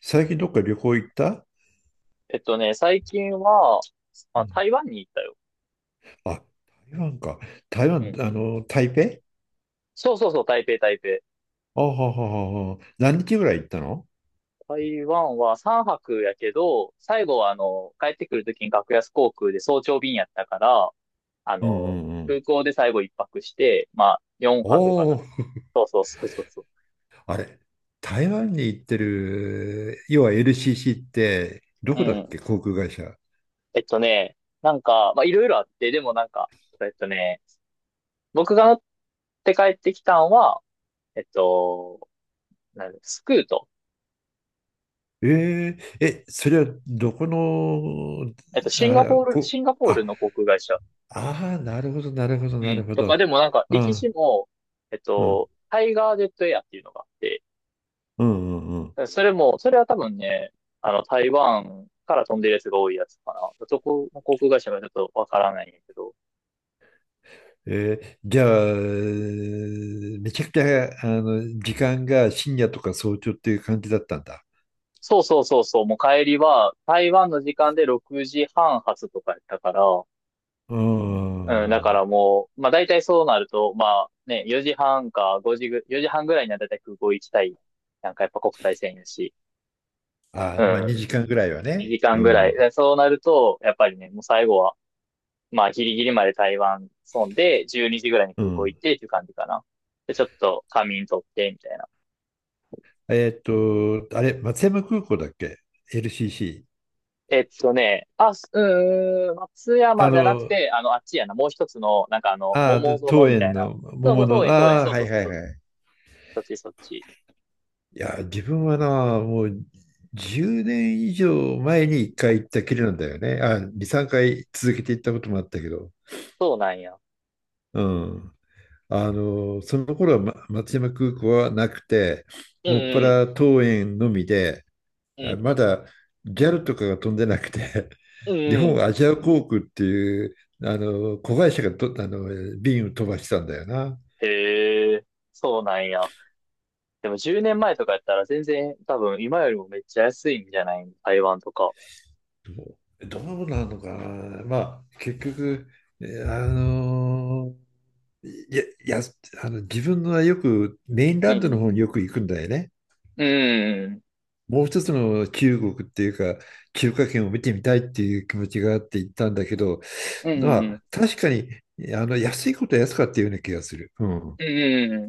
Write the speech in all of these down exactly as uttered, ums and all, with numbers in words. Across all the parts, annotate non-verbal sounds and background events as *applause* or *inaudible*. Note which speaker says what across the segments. Speaker 1: 最近どっか旅行行った？
Speaker 2: えっとね、最近は、
Speaker 1: う
Speaker 2: あ、
Speaker 1: ん。
Speaker 2: 台湾に行ったよ。
Speaker 1: あ、台湾か。台
Speaker 2: う
Speaker 1: 湾、
Speaker 2: ん。
Speaker 1: あの、台北。
Speaker 2: そうそうそう、台北、台北。
Speaker 1: あはははは。何日ぐらい行ったの？
Speaker 2: 台湾はさんぱくやけど、最後はあの、帰ってくるときに格安航空で早朝便やったから、あ
Speaker 1: うんう
Speaker 2: の、
Speaker 1: んうん。
Speaker 2: 空港で最後いっぱくして、まあ、4
Speaker 1: お
Speaker 2: 泊かな。
Speaker 1: お、
Speaker 2: そうそうそうそうそう。
Speaker 1: あれ、台湾に行ってる、要は エルシーシー って、ど
Speaker 2: う
Speaker 1: こだっ
Speaker 2: ん。
Speaker 1: け、航空会社。
Speaker 2: えっとね、なんか、まあ、いろいろあって、でもなんか、えっとね、僕が乗って帰ってきたんは、えっと、なんだスクート。
Speaker 1: えー、え、それはどこの？
Speaker 2: えっと、シンガ
Speaker 1: あ、
Speaker 2: ポール、
Speaker 1: こ、
Speaker 2: シンガポール
Speaker 1: あ、
Speaker 2: の航空会社。
Speaker 1: あー、なるほど、なるほど、
Speaker 2: う
Speaker 1: な
Speaker 2: ん。
Speaker 1: るほ
Speaker 2: とか、
Speaker 1: ど。
Speaker 2: でもなんか、
Speaker 1: う
Speaker 2: 歴史
Speaker 1: ん、
Speaker 2: も、えっ
Speaker 1: うん、
Speaker 2: と、タイガージェットエアっていうのがあって、
Speaker 1: うん、うん。
Speaker 2: それも、それは多分ね、あの、台湾から飛んでるやつが多いやつかな。そこ、航空会社がちょっとわからないんやけど。
Speaker 1: えーじゃあ、めちゃくちゃ、あの、時間が深夜とか早朝っていう感じだったんだ。
Speaker 2: そうそうそうそう、もう帰りは、台湾の時間でろくじはん発とかやったから、
Speaker 1: うー
Speaker 2: うん、だか
Speaker 1: ん。
Speaker 2: らもう、まあ大体そうなると、まあね、よじはんか5時ぐ、よじはんぐらいには大体空港行きたい。なんかやっぱ国際線やし、
Speaker 1: あ
Speaker 2: う
Speaker 1: ー、まあ、
Speaker 2: ん、
Speaker 1: にじかんぐらいはね。
Speaker 2: 2時
Speaker 1: う
Speaker 2: 間ぐらい。
Speaker 1: ん。
Speaker 2: でそうなると、やっぱりね、もう最後はまあ、ギリギリまで台湾損で、じゅうにじぐらいに
Speaker 1: う
Speaker 2: 空港
Speaker 1: ん。
Speaker 2: 行ってっていう感じかな。で、ちょっと仮眠取って、みたいな。
Speaker 1: えっと、あれ、松山空港だっけ？ エルシーシー。
Speaker 2: えっとね、あ、すうーん、松
Speaker 1: あ
Speaker 2: 山じゃなく
Speaker 1: の、
Speaker 2: て、あの、あっちやな、もう一つの、なんかあの、
Speaker 1: あ
Speaker 2: 桃
Speaker 1: ー、
Speaker 2: 園
Speaker 1: 桃
Speaker 2: みた
Speaker 1: 園
Speaker 2: いな。
Speaker 1: の
Speaker 2: そうそう、
Speaker 1: 桃
Speaker 2: 桃
Speaker 1: の、
Speaker 2: 園、桃園、
Speaker 1: ああ、
Speaker 2: そう
Speaker 1: は
Speaker 2: そう
Speaker 1: い
Speaker 2: そう、
Speaker 1: はい
Speaker 2: そう、
Speaker 1: はい。
Speaker 2: そっちそっち。
Speaker 1: いや、自分はな、もうじゅうねん以上前にいっかい行ったきりなんだよね。あ、に、さんかい続けて行ったこともあったけど。
Speaker 2: そうなんや。
Speaker 1: うん。あの、その頃は、ま、松山空港はなくて、
Speaker 2: うん
Speaker 1: もっぱ
Speaker 2: うん、
Speaker 1: ら桃園のみで、
Speaker 2: う
Speaker 1: あ
Speaker 2: ん、
Speaker 1: まだギャルとかが飛んでなくて、*laughs*
Speaker 2: うん
Speaker 1: 日
Speaker 2: う
Speaker 1: 本ア
Speaker 2: ん。
Speaker 1: ジア航空っていうあの子会社がとあの便を飛ばしてたんだよな。
Speaker 2: へえ、そうなんや。でもじゅうねんまえとかやったら全然多分今よりもめっちゃ安いんじゃない台湾とか。
Speaker 1: どうどうなのかな。まあ結局、えあのいや、やあの自分はよくメイン
Speaker 2: う
Speaker 1: ランドの
Speaker 2: ん。
Speaker 1: 方によく行くんだよね。
Speaker 2: うん。
Speaker 1: もう一つの中国っていうか、中華圏を見てみたいっていう気持ちがあって行ったんだけど、
Speaker 2: う
Speaker 1: ま
Speaker 2: ん。うん。
Speaker 1: あ、確かに、あの、安いことは安かったような気がする。うん。
Speaker 2: う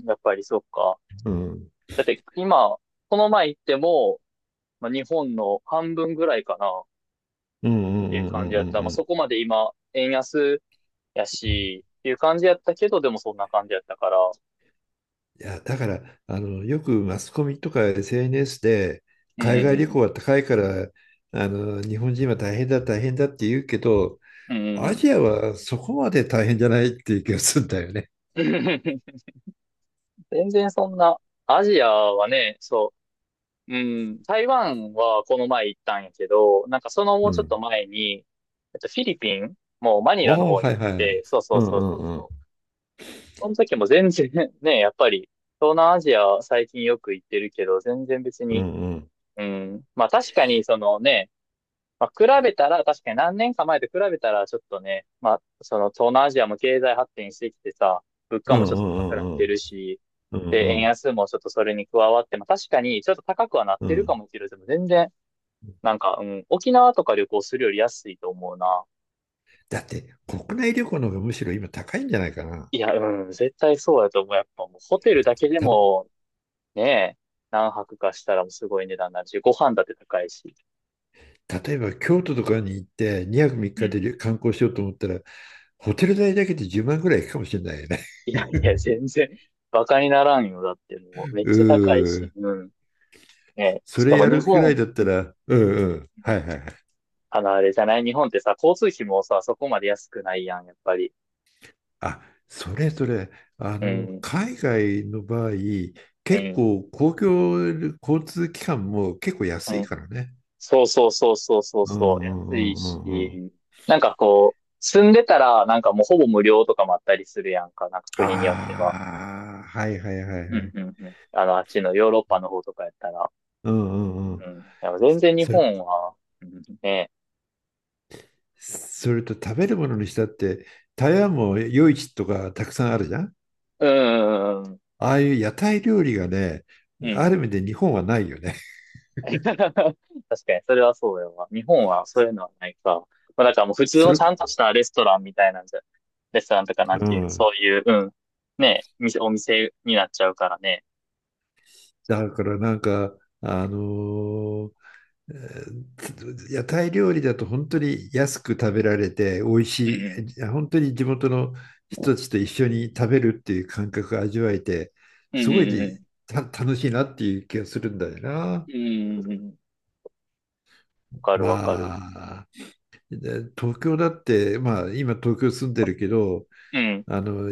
Speaker 2: ん、やっぱりそっか。
Speaker 1: うん。
Speaker 2: だって今、この前行っても、まあ、日本の半分ぐらいかなっ
Speaker 1: うんうん
Speaker 2: て
Speaker 1: う
Speaker 2: いう
Speaker 1: んう
Speaker 2: 感
Speaker 1: ん
Speaker 2: じや
Speaker 1: う
Speaker 2: った。
Speaker 1: んう
Speaker 2: まあ、そ
Speaker 1: ん。
Speaker 2: こまで今、円安やし、っていう感じやったけど、でもそんな感じやったから。
Speaker 1: いや、だから、あの、よくマスコミとか エスエヌエス で、
Speaker 2: うんう
Speaker 1: 海外旅
Speaker 2: ん
Speaker 1: 行は高いから、あの、日本人は大変だ、大変だって言うけど、
Speaker 2: うん。うんう
Speaker 1: ア
Speaker 2: ん
Speaker 1: ジアはそこまで大変じゃないっていう気がするんだよね。
Speaker 2: うん。*laughs* 全然そんな、アジアはね、そう、うん、台湾はこの前行ったんやけど、なんかそのも
Speaker 1: う
Speaker 2: うちょっと
Speaker 1: ん。
Speaker 2: 前に、えっと、フィリピンもうマニ
Speaker 1: あ
Speaker 2: ラの
Speaker 1: あ、
Speaker 2: 方に
Speaker 1: は
Speaker 2: 行っ
Speaker 1: いはい。
Speaker 2: て、そうそ
Speaker 1: うんう
Speaker 2: うそう
Speaker 1: ん
Speaker 2: そう
Speaker 1: うん。
Speaker 2: そう。その時も全然 *laughs* ね、やっぱり、東南アジアは最近よく行ってるけど、全然別
Speaker 1: うん
Speaker 2: に、
Speaker 1: うん。
Speaker 2: うん。まあ確かにそのね、まあ比べたら、確かに何年か前と比べたらちょっとね、まあその東南アジアも経済発展してきてさ、物
Speaker 1: う
Speaker 2: 価
Speaker 1: んう
Speaker 2: もちょっと高くなっ
Speaker 1: んうんう
Speaker 2: て
Speaker 1: ん。
Speaker 2: るし、
Speaker 1: う
Speaker 2: で、
Speaker 1: んう
Speaker 2: 円
Speaker 1: ん
Speaker 2: 安もちょっとそれに加わって、まあ確かにちょっと高くはなっ
Speaker 1: う
Speaker 2: てるか
Speaker 1: ん。
Speaker 2: もしれないけど、でも全然、なんか、うん、沖縄とか旅行するより安いと思うな。
Speaker 1: だって国内旅行の方がむしろ今高いんじゃないかな。
Speaker 2: いや、うん、絶対そうやと思う。やっぱもうホテルだけで
Speaker 1: た、
Speaker 2: もねえ、何泊かしたらもうすごい値段になるし、ご飯だって高いし。
Speaker 1: 例えば京都とかに行ってにはく3
Speaker 2: う
Speaker 1: 日で
Speaker 2: ん。
Speaker 1: 旅観光しようと思ったら、ホテル代だけでじゅうまんぐらいいくかもしれないよね。
Speaker 2: いやいや、全然、バカにならんよ。だってもう、
Speaker 1: *laughs*
Speaker 2: めっ
Speaker 1: う
Speaker 2: ちゃ高い
Speaker 1: ー
Speaker 2: し。
Speaker 1: ん。
Speaker 2: うん。ねえ、
Speaker 1: そ
Speaker 2: しか
Speaker 1: れ
Speaker 2: も
Speaker 1: や
Speaker 2: 日
Speaker 1: るくらい
Speaker 2: 本、
Speaker 1: だったら、うんうん。
Speaker 2: う
Speaker 1: はい
Speaker 2: ん。
Speaker 1: はいはい。
Speaker 2: あの、あれじゃない日本ってさ、交通費もさ、そこまで安くないやん、やっぱり。
Speaker 1: あ、それそれ、あ
Speaker 2: う
Speaker 1: の、
Speaker 2: ん。
Speaker 1: 海外の場合、
Speaker 2: う
Speaker 1: 結
Speaker 2: ん。
Speaker 1: 構公共交通機関も結構
Speaker 2: う
Speaker 1: 安いか
Speaker 2: ん。
Speaker 1: らね。
Speaker 2: そうそうそうそうそう
Speaker 1: うんう
Speaker 2: そう。
Speaker 1: んう
Speaker 2: 安
Speaker 1: ん
Speaker 2: い
Speaker 1: うんうん。
Speaker 2: し。なんかこう、住んでたら、なんかもうほぼ無料とかもあったりするやんか。なんか国によって
Speaker 1: あ
Speaker 2: は。
Speaker 1: あ、はいはいは
Speaker 2: う
Speaker 1: いは
Speaker 2: んう
Speaker 1: い。
Speaker 2: んうん。あの、あっちのヨーロッパの方とかやったら。
Speaker 1: うんうんう
Speaker 2: う
Speaker 1: ん。
Speaker 2: ん、やっぱ全然日
Speaker 1: それ、
Speaker 2: 本はね、
Speaker 1: それと食べるものにしたって、台湾も夜市とかたくさんあるじゃん。
Speaker 2: うんうんうん
Speaker 1: ああいう屋台料理がね、
Speaker 2: うん、う
Speaker 1: あ
Speaker 2: ん、
Speaker 1: る意味で日本はないよね。
Speaker 2: 確かにそれはそうよな。日本はそういうのないから、まだからもう普
Speaker 1: *laughs*
Speaker 2: 通
Speaker 1: そ
Speaker 2: の
Speaker 1: れ、
Speaker 2: ちゃんとしたレストランみたいなんじゃ、レストランとかなん
Speaker 1: う
Speaker 2: ていう
Speaker 1: ん。
Speaker 2: そういううん、ねお店お店になっちゃうからね、
Speaker 1: だからなんか、あのーえー屋台料理だと本当に安く食べられて美味
Speaker 2: う
Speaker 1: し
Speaker 2: ん
Speaker 1: い、え本当に地元の人たちと一緒に食べるっていう感覚を味わえて、
Speaker 2: う
Speaker 1: す
Speaker 2: んう
Speaker 1: ごい
Speaker 2: んうん
Speaker 1: た楽しいなっていう気がするんだよな。
Speaker 2: うんうんうん、わかるわかる、
Speaker 1: まあ、東京だって、まあ、今東京住んでるけど、
Speaker 2: うん
Speaker 1: あの、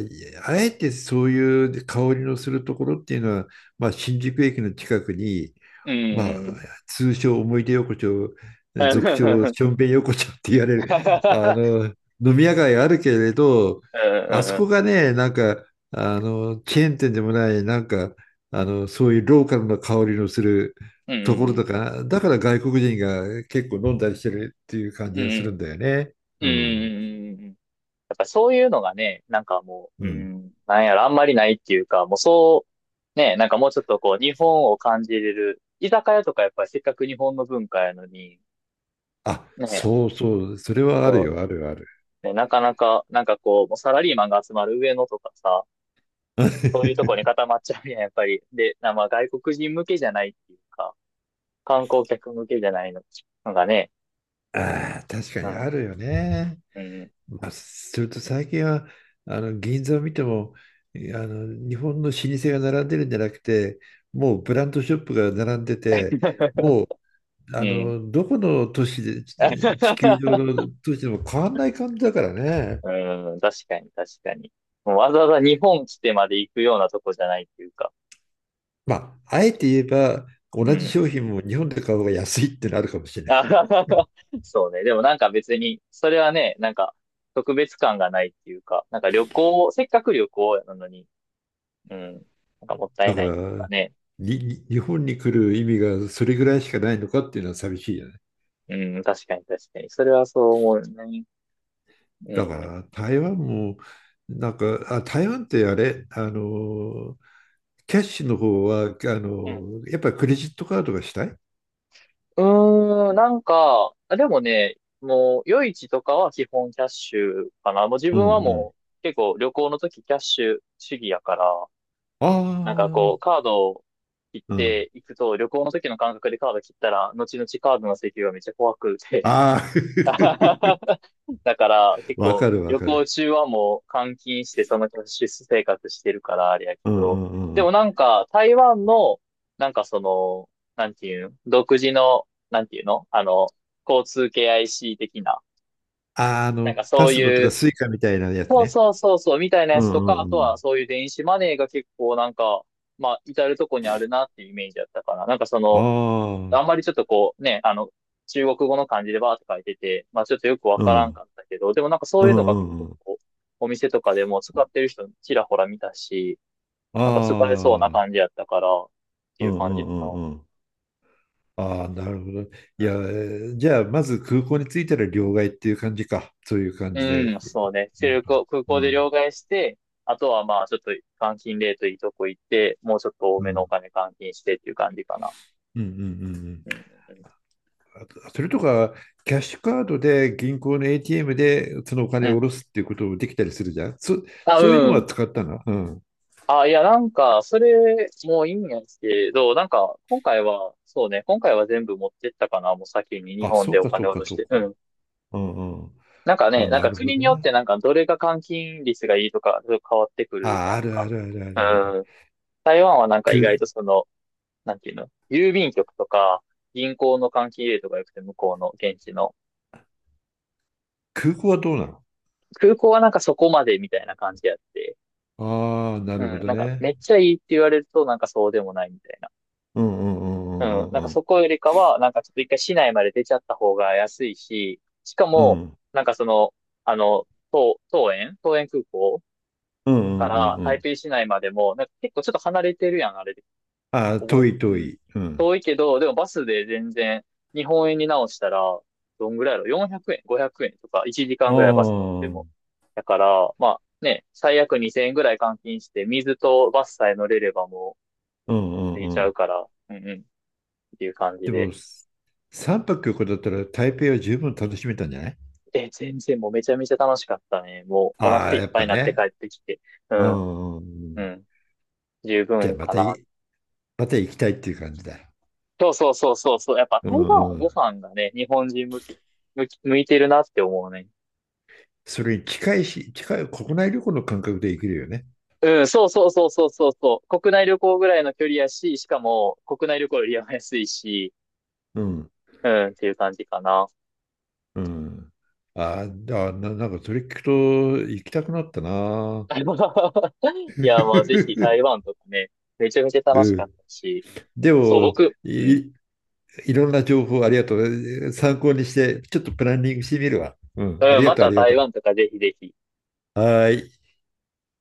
Speaker 1: あえてそういう香りのするところっていうのは、まあ、新宿駅の近くに、
Speaker 2: う
Speaker 1: まあ、
Speaker 2: んうん
Speaker 1: 通称思い出横丁、
Speaker 2: うん
Speaker 1: 俗称
Speaker 2: う
Speaker 1: し
Speaker 2: ん
Speaker 1: ょんべん横丁って言われる、あの、飲み屋街あるけれど、あそこがね、なんか、あの、チェーン店でもない、なんか、あの、そういうローカルな香りのする
Speaker 2: うん
Speaker 1: と
Speaker 2: うん
Speaker 1: ころ
Speaker 2: うん
Speaker 1: とか、だから外国人が結構飲んだりしてるっていう感
Speaker 2: うん
Speaker 1: じ
Speaker 2: うん
Speaker 1: が
Speaker 2: う
Speaker 1: するん
Speaker 2: ん
Speaker 1: だよね。
Speaker 2: うん
Speaker 1: うん。
Speaker 2: うんうん。やっぱそういうのがね、なんかも
Speaker 1: う
Speaker 2: う、う
Speaker 1: ん。
Speaker 2: ん、なんやろ、あんまりないっていうか、もうそう、ね、なんかもうちょっとこう、日本を感じれる、居酒屋とかやっぱりせっかく日本の文化やのに、
Speaker 1: あ、
Speaker 2: ね、
Speaker 1: そうそう、それはあるよ、
Speaker 2: そ
Speaker 1: あるある。
Speaker 2: う、ね、なかなか、なんかこう、もうサラリーマンが集まる上野とかさ、そういうとこに
Speaker 1: *laughs*
Speaker 2: 固まっちゃうやん、やっぱり。で、なまあ外国人向けじゃないっていうか、観光客向けじゃないののがね、
Speaker 1: ああ、確か
Speaker 2: う
Speaker 1: に
Speaker 2: ん、
Speaker 1: あるよね。
Speaker 2: うん、うん。
Speaker 1: まあ、それと最近はあの銀座を見てもあの日本の老舗が並んでるんじゃなくてもうブランドショップが並んでてもうあ
Speaker 2: *laughs*
Speaker 1: のどこの都市で地球上の都市でも変わんない感じだからね。
Speaker 2: うん、確かに、確かに。もうわざわざ日本来てまで行くようなとこじゃないっていうか。
Speaker 1: まあ、あえて言えば同
Speaker 2: う
Speaker 1: じ
Speaker 2: ん。
Speaker 1: 商品も日本で買う方が安いってなるかもしれない。
Speaker 2: あはははそうね。でもなんか別に、それはね、なんか特別感がないっていうか、なんか旅行を、せっかく旅行なのに、うん、なんかもった
Speaker 1: だ
Speaker 2: い
Speaker 1: か
Speaker 2: ないっ
Speaker 1: ら
Speaker 2: ていうかね。
Speaker 1: にに日本に来る意味がそれぐらいしかないのかっていうのは寂しいよね。
Speaker 2: うん、確かに確かに。それはそう思うね。う
Speaker 1: だか
Speaker 2: ん。
Speaker 1: ら台湾もなんかあ台湾ってあれあのキャッシュの方はあ
Speaker 2: うん。
Speaker 1: のやっぱりクレジットカードがしたい。
Speaker 2: うーん、なんか、あでもね、もう、夜市とかは基本キャッシュかな。もう自
Speaker 1: うんう
Speaker 2: 分は
Speaker 1: ん。
Speaker 2: もう、結構旅行の時キャッシュ主義やから、なんかこ
Speaker 1: あ
Speaker 2: う、
Speaker 1: あ
Speaker 2: カードを切っ
Speaker 1: うん
Speaker 2: ていくと、旅行の時の感覚でカード切ったら、後々カードの請求がめっちゃ怖くて。
Speaker 1: ああ
Speaker 2: *laughs* だから
Speaker 1: *laughs*
Speaker 2: 結
Speaker 1: わ
Speaker 2: 構
Speaker 1: かるわ
Speaker 2: 旅
Speaker 1: かる
Speaker 2: 行中はもう換金してそのキャッシュ生活してるからあれやけ
Speaker 1: う
Speaker 2: ど、
Speaker 1: んうんう
Speaker 2: でも
Speaker 1: ん。
Speaker 2: なんか台湾の、なんかその、なんていうの独自の、なんていうのあの、交通系 アイシー 的な、
Speaker 1: あーあ
Speaker 2: なん
Speaker 1: の
Speaker 2: か
Speaker 1: パ
Speaker 2: そう
Speaker 1: スモと
Speaker 2: い
Speaker 1: か
Speaker 2: う
Speaker 1: スイカみたいなやつ
Speaker 2: そう
Speaker 1: ね。
Speaker 2: そうそうそう、みたいな
Speaker 1: う
Speaker 2: やつと
Speaker 1: ん
Speaker 2: か、あ
Speaker 1: う
Speaker 2: と
Speaker 1: んう
Speaker 2: は
Speaker 1: ん
Speaker 2: そういう電子マネーが結構なんか、まあ、至るとこにあるなっていうイメージだったかな。なんかその、
Speaker 1: あ
Speaker 2: あんま
Speaker 1: あ
Speaker 2: りちょっとこうね、あの、中国語の漢字でバーって書いてて、まあちょっとよくわ
Speaker 1: う
Speaker 2: からん
Speaker 1: ん。
Speaker 2: かったけど、でもなんか
Speaker 1: う
Speaker 2: そう
Speaker 1: ん
Speaker 2: いうのが結
Speaker 1: うん
Speaker 2: 構
Speaker 1: うん。
Speaker 2: こう、お店とかでも使ってる人ちらほら見たし、
Speaker 1: あ
Speaker 2: なんか使えそうな感
Speaker 1: あ
Speaker 2: じやったから、って
Speaker 1: う
Speaker 2: いう
Speaker 1: んう
Speaker 2: 感じや
Speaker 1: ん
Speaker 2: な。
Speaker 1: うんうん。ああ、なるほど。
Speaker 2: う
Speaker 1: いや、え
Speaker 2: んうん。
Speaker 1: ーじゃあ、まず空港に着いたら両替っていう感じか。そういう感じ
Speaker 2: う
Speaker 1: で。
Speaker 2: ん、そうね。
Speaker 1: うん。
Speaker 2: 出力を空港で両
Speaker 1: う
Speaker 2: 替して、あとはまあ、ちょっと換金レートいいとこ行って、もうちょっと多
Speaker 1: んう
Speaker 2: めのお
Speaker 1: ん
Speaker 2: 金換金してっていう感じかな。
Speaker 1: うんうんうん。
Speaker 2: うん、うん。
Speaker 1: あ、それとか、キャッシュカードで銀行の エーティーエム でそのお
Speaker 2: う
Speaker 1: 金を下
Speaker 2: ん
Speaker 1: ろすっていうこともできたりするじゃん。そ、
Speaker 2: あ、
Speaker 1: そういうの
Speaker 2: う
Speaker 1: は
Speaker 2: ん。
Speaker 1: 使ったな。うん。
Speaker 2: あ、いや、なんか、それ、もういいんやけど、なんか、今回は、そうね、今回は全部持ってったかな、もう先に日
Speaker 1: あ、
Speaker 2: 本
Speaker 1: そ
Speaker 2: で
Speaker 1: う
Speaker 2: お
Speaker 1: かそ
Speaker 2: 金
Speaker 1: う
Speaker 2: 下
Speaker 1: か
Speaker 2: ろし
Speaker 1: そう
Speaker 2: て。う
Speaker 1: か。
Speaker 2: ん。
Speaker 1: うんうん。
Speaker 2: なんかね、
Speaker 1: あ、
Speaker 2: なん
Speaker 1: な
Speaker 2: か
Speaker 1: るほ
Speaker 2: 国に
Speaker 1: ど
Speaker 2: よって
Speaker 1: ね。
Speaker 2: なんか、どれが換金率がいいとか、変わってくる
Speaker 1: あ、
Speaker 2: や
Speaker 1: あ
Speaker 2: ん
Speaker 1: るあ
Speaker 2: か。
Speaker 1: るあるあるある。
Speaker 2: うん。台湾はなんか意外
Speaker 1: 空、
Speaker 2: とその、なんていうの郵便局とか、銀行の関係とかよくて、向こうの現地の。
Speaker 1: 空港はどうなの？
Speaker 2: 空港はなんかそこまでみたいな感じやって。
Speaker 1: ああー、な
Speaker 2: う
Speaker 1: るほ
Speaker 2: ん、
Speaker 1: ど
Speaker 2: なんか
Speaker 1: ね。
Speaker 2: めっちゃいいって言われると、なんかそうでもないみたいな。
Speaker 1: うんうんう
Speaker 2: うん、
Speaker 1: ん
Speaker 2: な
Speaker 1: う
Speaker 2: んか
Speaker 1: んうん
Speaker 2: そこよりかは、なんかちょっと一回市内まで出ちゃった方が安いし、しか
Speaker 1: うん。う
Speaker 2: も、
Speaker 1: ん
Speaker 2: なんかその、あの、桃、園、桃園空港
Speaker 1: うんう
Speaker 2: か
Speaker 1: んうん
Speaker 2: ら
Speaker 1: う
Speaker 2: 台
Speaker 1: ん。
Speaker 2: 北市内までも、なんか結構ちょっと離れてるやん、あれっ
Speaker 1: あ、
Speaker 2: 覚
Speaker 1: 遠
Speaker 2: え、
Speaker 1: い
Speaker 2: う
Speaker 1: 遠
Speaker 2: ん。
Speaker 1: い。うん。
Speaker 2: 遠いけど、でもバスで全然、日本円に直したら、どんぐらいやろ ?よんひゃく 円、ごひゃくえんとか、1時
Speaker 1: あ
Speaker 2: 間ぐらいバス乗っ
Speaker 1: あ、
Speaker 2: ても。だから、まあね、最悪にせんえんぐらい換金して、水とバスさえ乗れればも
Speaker 1: う
Speaker 2: う、
Speaker 1: んう
Speaker 2: いち
Speaker 1: んう
Speaker 2: ゃう
Speaker 1: ん。
Speaker 2: から、うんうん、っていう感じ
Speaker 1: で
Speaker 2: で。
Speaker 1: も、さんぱく旅行だったら台北は十分楽しめたんじゃない？
Speaker 2: え、全然もうめちゃめちゃ楽しかったね。もうお
Speaker 1: あ
Speaker 2: 腹
Speaker 1: あ、
Speaker 2: いっ
Speaker 1: やっ
Speaker 2: ぱい
Speaker 1: ぱ
Speaker 2: になって帰
Speaker 1: ね。
Speaker 2: ってきて。う
Speaker 1: う
Speaker 2: ん、
Speaker 1: んうん
Speaker 2: う
Speaker 1: うん。
Speaker 2: ん、十
Speaker 1: じゃあ
Speaker 2: 分
Speaker 1: ま
Speaker 2: か
Speaker 1: た
Speaker 2: な。
Speaker 1: い、また行きたいっていう感じだ。
Speaker 2: そうそうそうそうそう。やっぱ
Speaker 1: う
Speaker 2: 台湾は
Speaker 1: ん。う
Speaker 2: ご
Speaker 1: ん。
Speaker 2: 飯がね、日本人向き、向き、向いてるなって思うね。
Speaker 1: それに近いし、近い国内旅行の感覚で行けるよね。
Speaker 2: うん、そうそうそうそうそうそう。国内旅行ぐらいの距離やし、しかも国内旅行よりは安いし、
Speaker 1: うん。
Speaker 2: うん、っていう感じかな。
Speaker 1: うん。ああ、な、なんかそれ聞くと行きたくなったな。
Speaker 2: *laughs* いや、まあぜひ台湾
Speaker 1: *laughs*
Speaker 2: とかね、めちゃめちゃ楽し
Speaker 1: う
Speaker 2: かった
Speaker 1: ん。
Speaker 2: し、
Speaker 1: で
Speaker 2: そう、
Speaker 1: も、
Speaker 2: 僕、うん、
Speaker 1: いいろんな情報ありがとう。参考にして、ちょっとプランニングしてみるわ。うん、あ
Speaker 2: う
Speaker 1: り
Speaker 2: ん、
Speaker 1: が
Speaker 2: ま
Speaker 1: とう、あ
Speaker 2: た
Speaker 1: りが
Speaker 2: 台
Speaker 1: と
Speaker 2: 湾とかぜひぜひ。
Speaker 1: う。はい。